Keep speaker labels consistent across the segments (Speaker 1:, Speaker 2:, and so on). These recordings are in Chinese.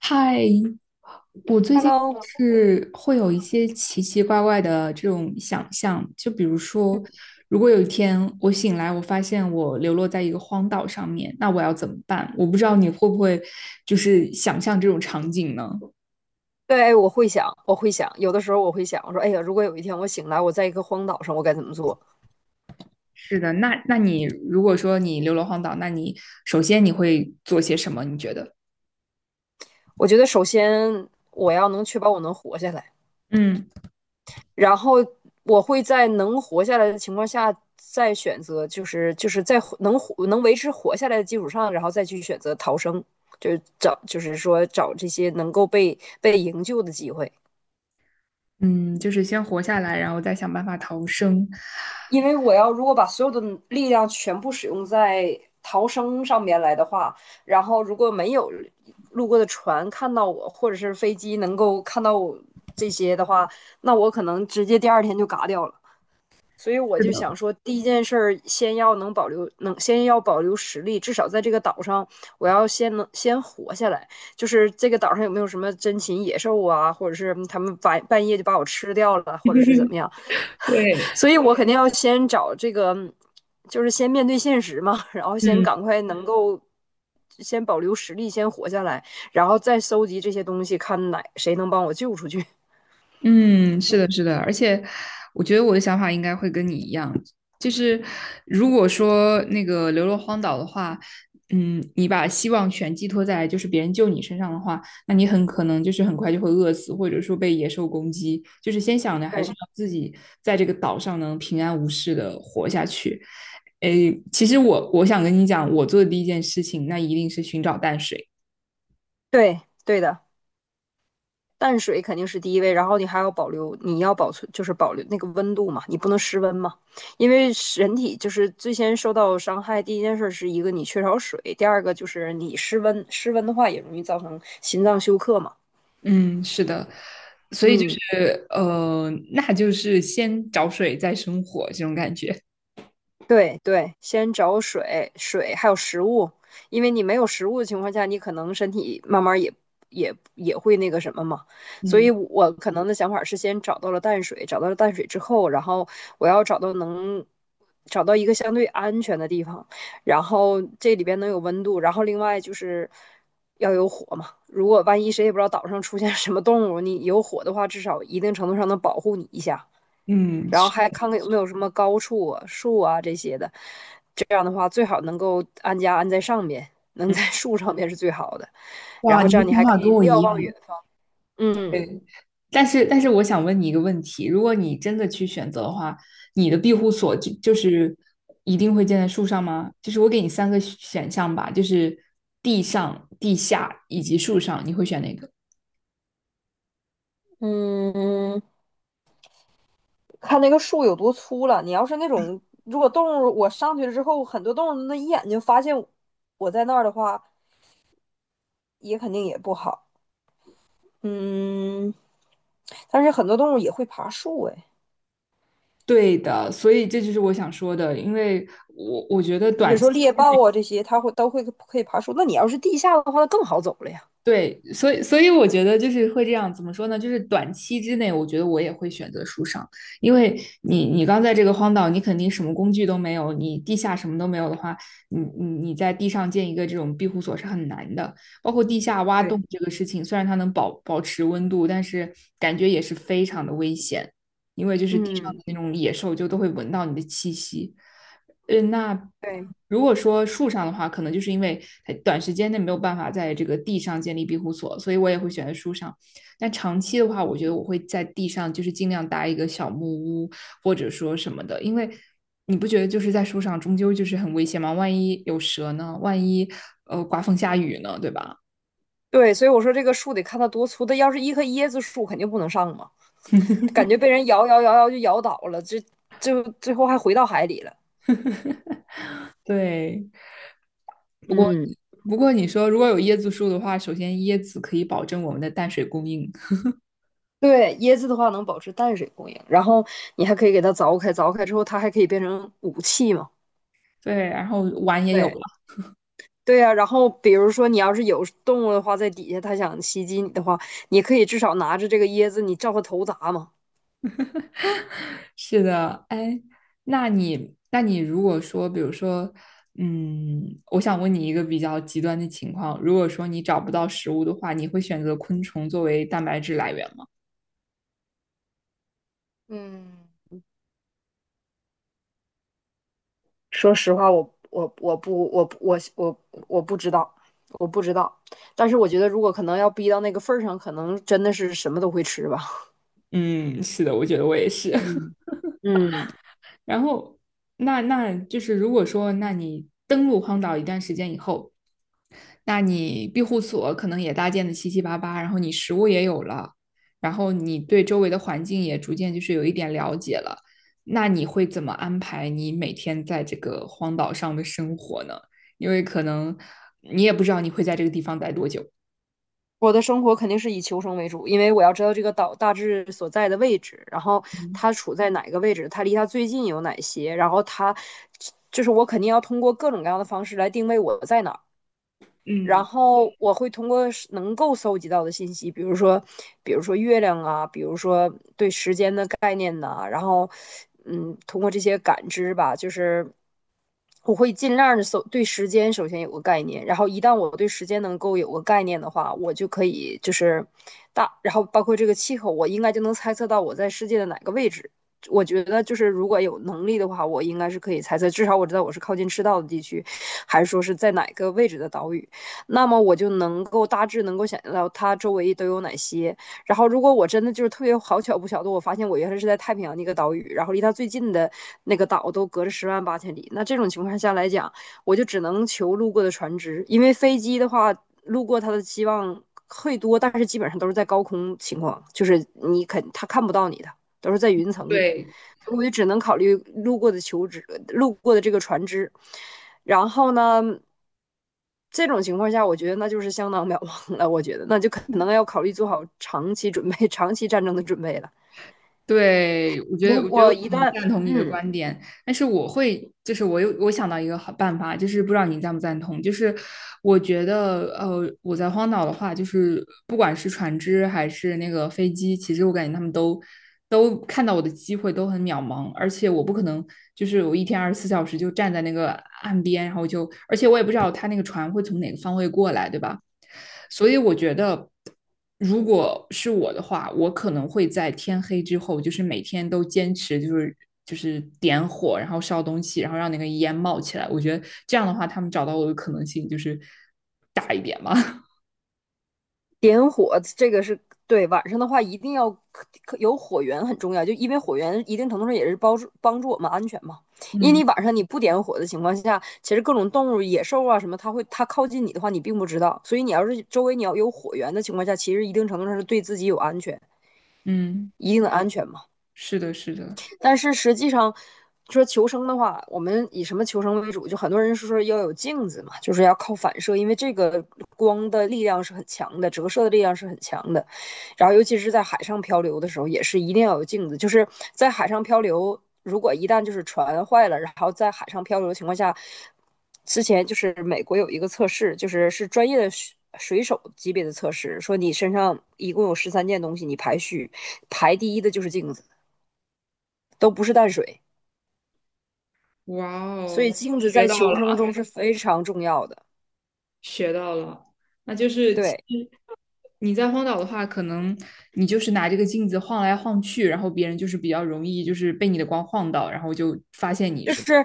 Speaker 1: 嗨，我最近
Speaker 2: Hello。
Speaker 1: 是会有一些奇奇怪怪的这种想象，就比如说，如果有一天我醒来，我发现我流落在一个荒岛上面，那我要怎么办？我不知道你会不会就是想象这种场景呢？
Speaker 2: 对，我会想，有的时候我会想，我说，哎呀，如果有一天我醒来，我在一个荒岛上，我该怎么做？
Speaker 1: 是的，那你如果说你流落荒岛，那你首先你会做些什么？你觉得？
Speaker 2: 我觉得首先我要能确保我能活下来，
Speaker 1: 嗯
Speaker 2: 然后我会在能活下来的情况下，再选择，就是在活能活能维持活下来的基础上，然后再去选择逃生，就是找，就是说找这些能够被营救的机会。
Speaker 1: 嗯，就是先活下来，然后再想办法逃生。
Speaker 2: 因为我要如果把所有的力量全部使用在逃生上面来的话，然后如果没有路过的船看到我，或者是飞机能够看到我这些的话，那我可能直接第二天就嘎掉了。所以我
Speaker 1: 是
Speaker 2: 就想
Speaker 1: 的，
Speaker 2: 说，第一件事儿先要能保留，能先要保留实力，至少在这个岛上，我要先能先活下来。就是这个岛上有没有什么珍禽野兽啊，或者是他们半夜就把我吃掉了，或者是怎么 样？
Speaker 1: 对，
Speaker 2: 所以我肯定要先找这个，就是先面对现实嘛，然后先
Speaker 1: 嗯。
Speaker 2: 赶快能够先保留实力，先活下来，然后再搜集这些东西，看哪谁能帮我救出去
Speaker 1: 嗯，是的，是的，而且我觉得我的想法应该会跟你一样，就是如果说那个流落荒岛的话，嗯，你把希望全寄托在就是别人救你身上的话，那你很可能就是很快就会饿死，或者说被野兽攻击。就是先 想的还
Speaker 2: 对
Speaker 1: 是要自己在这个岛上能平安无事的活下去。诶，其实我想跟你讲，我做的第一件事情，那一定是寻找淡水。
Speaker 2: 对,对的，淡水肯定是第一位，然后你还要保留，你要保存就是保留那个温度嘛，你不能失温嘛，因为人体就是最先受到伤害，第一件事是一个你缺少水，第二个就是你失温，失温的话也容易造成心脏休克嘛。
Speaker 1: 嗯，是的，所以就
Speaker 2: 嗯，
Speaker 1: 是那就是先找水再生火这种感觉。
Speaker 2: 对对，先找水还有食物，因为你没有食物的情况下，你可能身体慢慢也会那个什么嘛。所以
Speaker 1: 嗯，
Speaker 2: 我可能的想法是，先找到了淡水，找到了淡水之后，然后我要找到一个相对安全的地方，然后这里边能有温度，然后另外就是要有火嘛。如果万一谁也不知道岛上出现什么动物，你有火的话，至少一定程度上能保护你一下。
Speaker 1: 嗯，
Speaker 2: 然后
Speaker 1: 是，
Speaker 2: 还看看有没有什么高处啊、树啊这些的。这样的话，最好能够安在上面，能
Speaker 1: 嗯，
Speaker 2: 在树上面是最好的。然
Speaker 1: 哇，
Speaker 2: 后
Speaker 1: 你
Speaker 2: 这样
Speaker 1: 的
Speaker 2: 你
Speaker 1: 想
Speaker 2: 还
Speaker 1: 法
Speaker 2: 可以
Speaker 1: 跟我
Speaker 2: 瞭
Speaker 1: 一
Speaker 2: 望
Speaker 1: 样。
Speaker 2: 远方。嗯
Speaker 1: 但是我想问你一个问题，如果你真的去选择的话，你的庇护所就是一定会建在树上吗？就是我给你三个选项吧，就是地上、地下以及树上，你会选哪个？
Speaker 2: 嗯，看那个树有多粗了。你要是那种，如果动物我上去了之后，很多动物那一眼就发现我在那儿的话，也肯定也不好。嗯，但是很多动物也会爬树哎，
Speaker 1: 对的，所以这就是我想说的，因为我觉得
Speaker 2: 你比如
Speaker 1: 短期
Speaker 2: 说猎豹啊这些，它都会可以爬树。那你要是地下的话，那更好走了呀。
Speaker 1: 对，所以我觉得就是会这样，怎么说呢？就是短期之内，我觉得我也会选择树上，因为你刚在这个荒岛，你肯定什么工具都没有，你地下什么都没有的话，你在地上建一个这种庇护所是很难的。包括地下挖
Speaker 2: 对，
Speaker 1: 洞这个事情，虽然它能保持温度，但是感觉也是非常的危险，因为就是地上的
Speaker 2: 嗯，
Speaker 1: 那种野兽就都会闻到你的气息。呃，那
Speaker 2: 对
Speaker 1: 如果说树上的话，可能就是因为它短时间内没有办法在这个地上建立庇护所，所以我也会选择树上。但长期的话，我觉得我会在地上，就是尽量搭一个小木屋或者说什么的，因为你不觉得就是在树上终究就是很危险吗？万一有蛇呢？万一刮风下雨呢？对吧？
Speaker 2: 对，所以我说这个树得看它多粗，它要是一棵椰子树，肯定不能上嘛，感觉被人摇就摇倒了，这就最后还回到海里了。
Speaker 1: 对，不过
Speaker 2: 嗯，
Speaker 1: 不过你说如果有椰子树的话，首先椰子可以保证我们的淡水供应，
Speaker 2: 对，椰子的话能保持淡水供应，然后你还可以给它凿开，凿开之后它还可以变成武器嘛。
Speaker 1: 对，然后碗也有
Speaker 2: 对
Speaker 1: 了。
Speaker 2: 对呀、然后比如说你要是有动物的话，在底下它想袭击你的话，你可以至少拿着这个椰子，你照它头砸嘛。
Speaker 1: 是的，哎，那你，那你如果说，比如说，嗯，我想问你一个比较极端的情况，如果说你找不到食物的话，你会选择昆虫作为蛋白质来源吗？
Speaker 2: 嗯，说实话，我我不知道，我不知道。但是我觉得，如果可能要逼到那个份儿上，可能真的是什么都会吃吧。
Speaker 1: 嗯，是的，我觉得我也是。
Speaker 2: 嗯 嗯，
Speaker 1: 然后，那那就是如果说，那你登陆荒岛一段时间以后，那你庇护所可能也搭建的七七八八，然后你食物也有了，然后你对周围的环境也逐渐就是有一点了解了，那你会怎么安排你每天在这个荒岛上的生活呢？因为可能你也不知道你会在这个地方待多久。
Speaker 2: 我的生活肯定是以求生为主，因为我要知道这个岛大致所在的位置，然后
Speaker 1: 嗯
Speaker 2: 它处在哪个位置，它离它最近有哪些，然后它就是我肯定要通过各种各样的方式来定位我在哪儿。然
Speaker 1: 嗯，
Speaker 2: 后我会通过能够搜集到的信息，比如说月亮啊，比如说对时间的概念呐、然后，嗯，通过这些感知吧，就是我会尽量的搜对时间首先有个概念，然后一旦我对时间能够有个概念的话，我就可以就是大，然后包括这个气候，我应该就能猜测到我在世界的哪个位置。我觉得就是如果有能力的话，我应该是可以猜测，至少我知道我是靠近赤道的地区，还是说是在哪个位置的岛屿。那么我就能够大致能够想象到它周围都有哪些。然后，如果我真的就是特别好巧不巧的，我发现我原来是在太平洋的一个岛屿，然后离它最近的那个岛都隔着十万八千里，那这种情况下来讲，我就只能求路过的船只，因为飞机的话，路过它的希望会多，但是基本上都是在高空情况，就是你肯他看不到你的，都是在云层里。
Speaker 1: 对，
Speaker 2: 我就只能考虑路过的求职，路过的这个船只。然后呢，这种情况下，我觉得那就是相当渺茫了。我觉得那就可能要考虑做好长期准备、长期战争的准备了。
Speaker 1: 对，我觉
Speaker 2: 如
Speaker 1: 得，我觉得
Speaker 2: 果
Speaker 1: 很
Speaker 2: 一旦，
Speaker 1: 赞同你的
Speaker 2: 嗯，
Speaker 1: 观点，但是我会，就是我有我想到一个好办法，就是不知道你赞不赞同，就是我觉得，我在荒岛的话，就是不管是船只还是那个飞机，其实我感觉他们都看到我的机会都很渺茫，而且我不可能就是我一天24小时就站在那个岸边，然后就，而且我也不知道他那个船会从哪个方位过来，对吧？所以我觉得。如果是我的话，我可能会在天黑之后，就是每天都坚持，就是点火，然后烧东西，然后让那个烟冒起来。我觉得这样的话，他们找到我的可能性就是大一点嘛。
Speaker 2: 点火这个是对晚上的话，一定要有火源很重要，就因为火源一定程度上也是帮助我们安全嘛。因为
Speaker 1: 嗯
Speaker 2: 你晚上你不点火的情况下，其实各种动物、野兽啊什么，它会它靠近你的话，你并不知道。所以你要是周围你要有火源的情况下，其实一定程度上是对自己有安全，
Speaker 1: 嗯，
Speaker 2: 一定的安全嘛。
Speaker 1: 是的，是的。
Speaker 2: 但是实际上，说求生的话，我们以什么求生为主？就很多人是说要有镜子嘛，就是要靠反射，因为这个光的力量是很强的，折射的力量是很强的。然后，尤其是在海上漂流的时候，也是一定要有镜子。就是在海上漂流，如果一旦就是船坏了，然后在海上漂流的情况下，之前就是美国有一个测试，就是专业的水手级别的测试，说你身上一共有十三件东西，你排序排第一的就是镜子，都不是淡水。
Speaker 1: 哇
Speaker 2: 所
Speaker 1: 哦，
Speaker 2: 以镜子
Speaker 1: 学
Speaker 2: 在
Speaker 1: 到
Speaker 2: 求
Speaker 1: 了，
Speaker 2: 生中是非常重要的。
Speaker 1: 学到了。那就是其
Speaker 2: 对，
Speaker 1: 实你在荒岛的话，可能你就是拿这个镜子晃来晃去，然后别人就是比较容易就是被你的光晃到，然后就发现你
Speaker 2: 就
Speaker 1: 是吧
Speaker 2: 是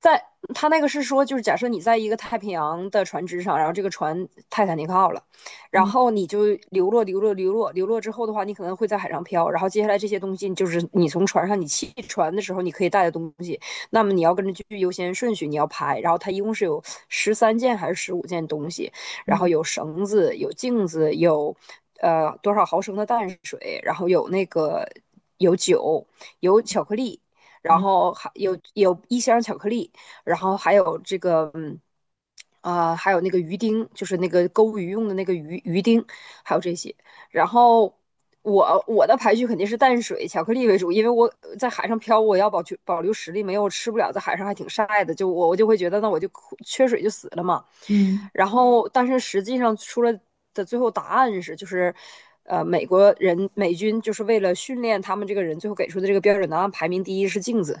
Speaker 2: 在他那个是说，就是假设你在一个太平洋的船只上，然后这个船泰坦尼克号了，然
Speaker 1: 嗯
Speaker 2: 后你就流落之后的话，你可能会在海上漂，然后接下来这些东西就是你从船上你弃船的时候你可以带的东西，那么你要跟着去优先顺序你要排，然后它一共是有十三件还是15件东西，然后
Speaker 1: 嗯
Speaker 2: 有绳子，有镜子，有多少毫升的淡水，然后有那个有酒，有巧克力。然
Speaker 1: 嗯。
Speaker 2: 后有一箱巧克力，然后还有还有那个鱼丁，就是那个钩鱼用的那个鱼丁，还有这些。然后我的排序肯定是淡水巧克力为主，因为我在海上漂，我要保留实力，没有吃不了，在海上还挺晒的，就我就会觉得那我就缺水就死了嘛。
Speaker 1: 嗯
Speaker 2: 然后但是实际上出来的最后答案是就是。呃，美国人美军就是为了训练他们这个人，最后给出的这个标准答案排名第一是镜子，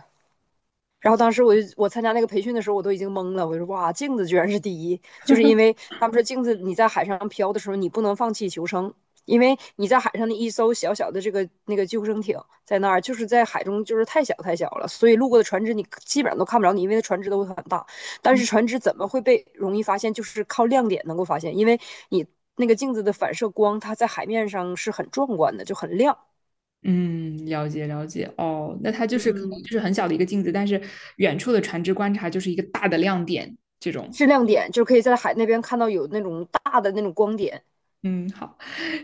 Speaker 2: 然后当时我参加那个培训的时候，我都已经懵了，我就说哇，镜子居然是第一，就是因为他们说镜子你在海上漂的时候，你不能放弃求生，因为你在海上的一艘小小的这个那个救生艇在那儿，就是在海中就是太小太小了，所以路过的船只你基本上都看不着你，因为船只都会很大，但
Speaker 1: 嗯，
Speaker 2: 是船只怎么会被容易发现，就是靠亮点能够发现，因为你那个镜子的反射光，它在海面上是很壮观的，就很亮。
Speaker 1: 嗯了解了解。哦，那它就是可能就
Speaker 2: 嗯，
Speaker 1: 是很小的一个镜子，但是远处的船只观察就是一个大的亮点。这种，
Speaker 2: 是亮点，就可以在海那边看到有那种大的那种光点，
Speaker 1: 嗯，好。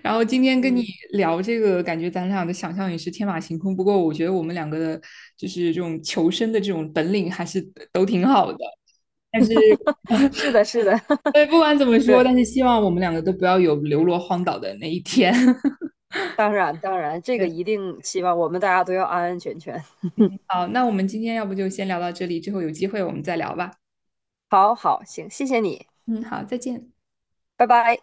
Speaker 1: 然后今天跟你
Speaker 2: 嗯，
Speaker 1: 聊这个，感觉咱俩的想象也是天马行空。不过我觉得我们两个的，就是这种求生的这种本领还是都挺好的。但是，
Speaker 2: 是的，是的，
Speaker 1: 对，不管怎么说，
Speaker 2: 对，
Speaker 1: 但是希望我们两个都不要有流落荒岛的那一天。
Speaker 2: 当然，当然，这个
Speaker 1: 对，
Speaker 2: 一定希望我们大家都要安安全全。
Speaker 1: 嗯，好，那我们今天要不就先聊到这里，之后有机会我们再聊吧。
Speaker 2: 好好，行，谢谢你，
Speaker 1: 嗯，好，再见。
Speaker 2: 拜拜。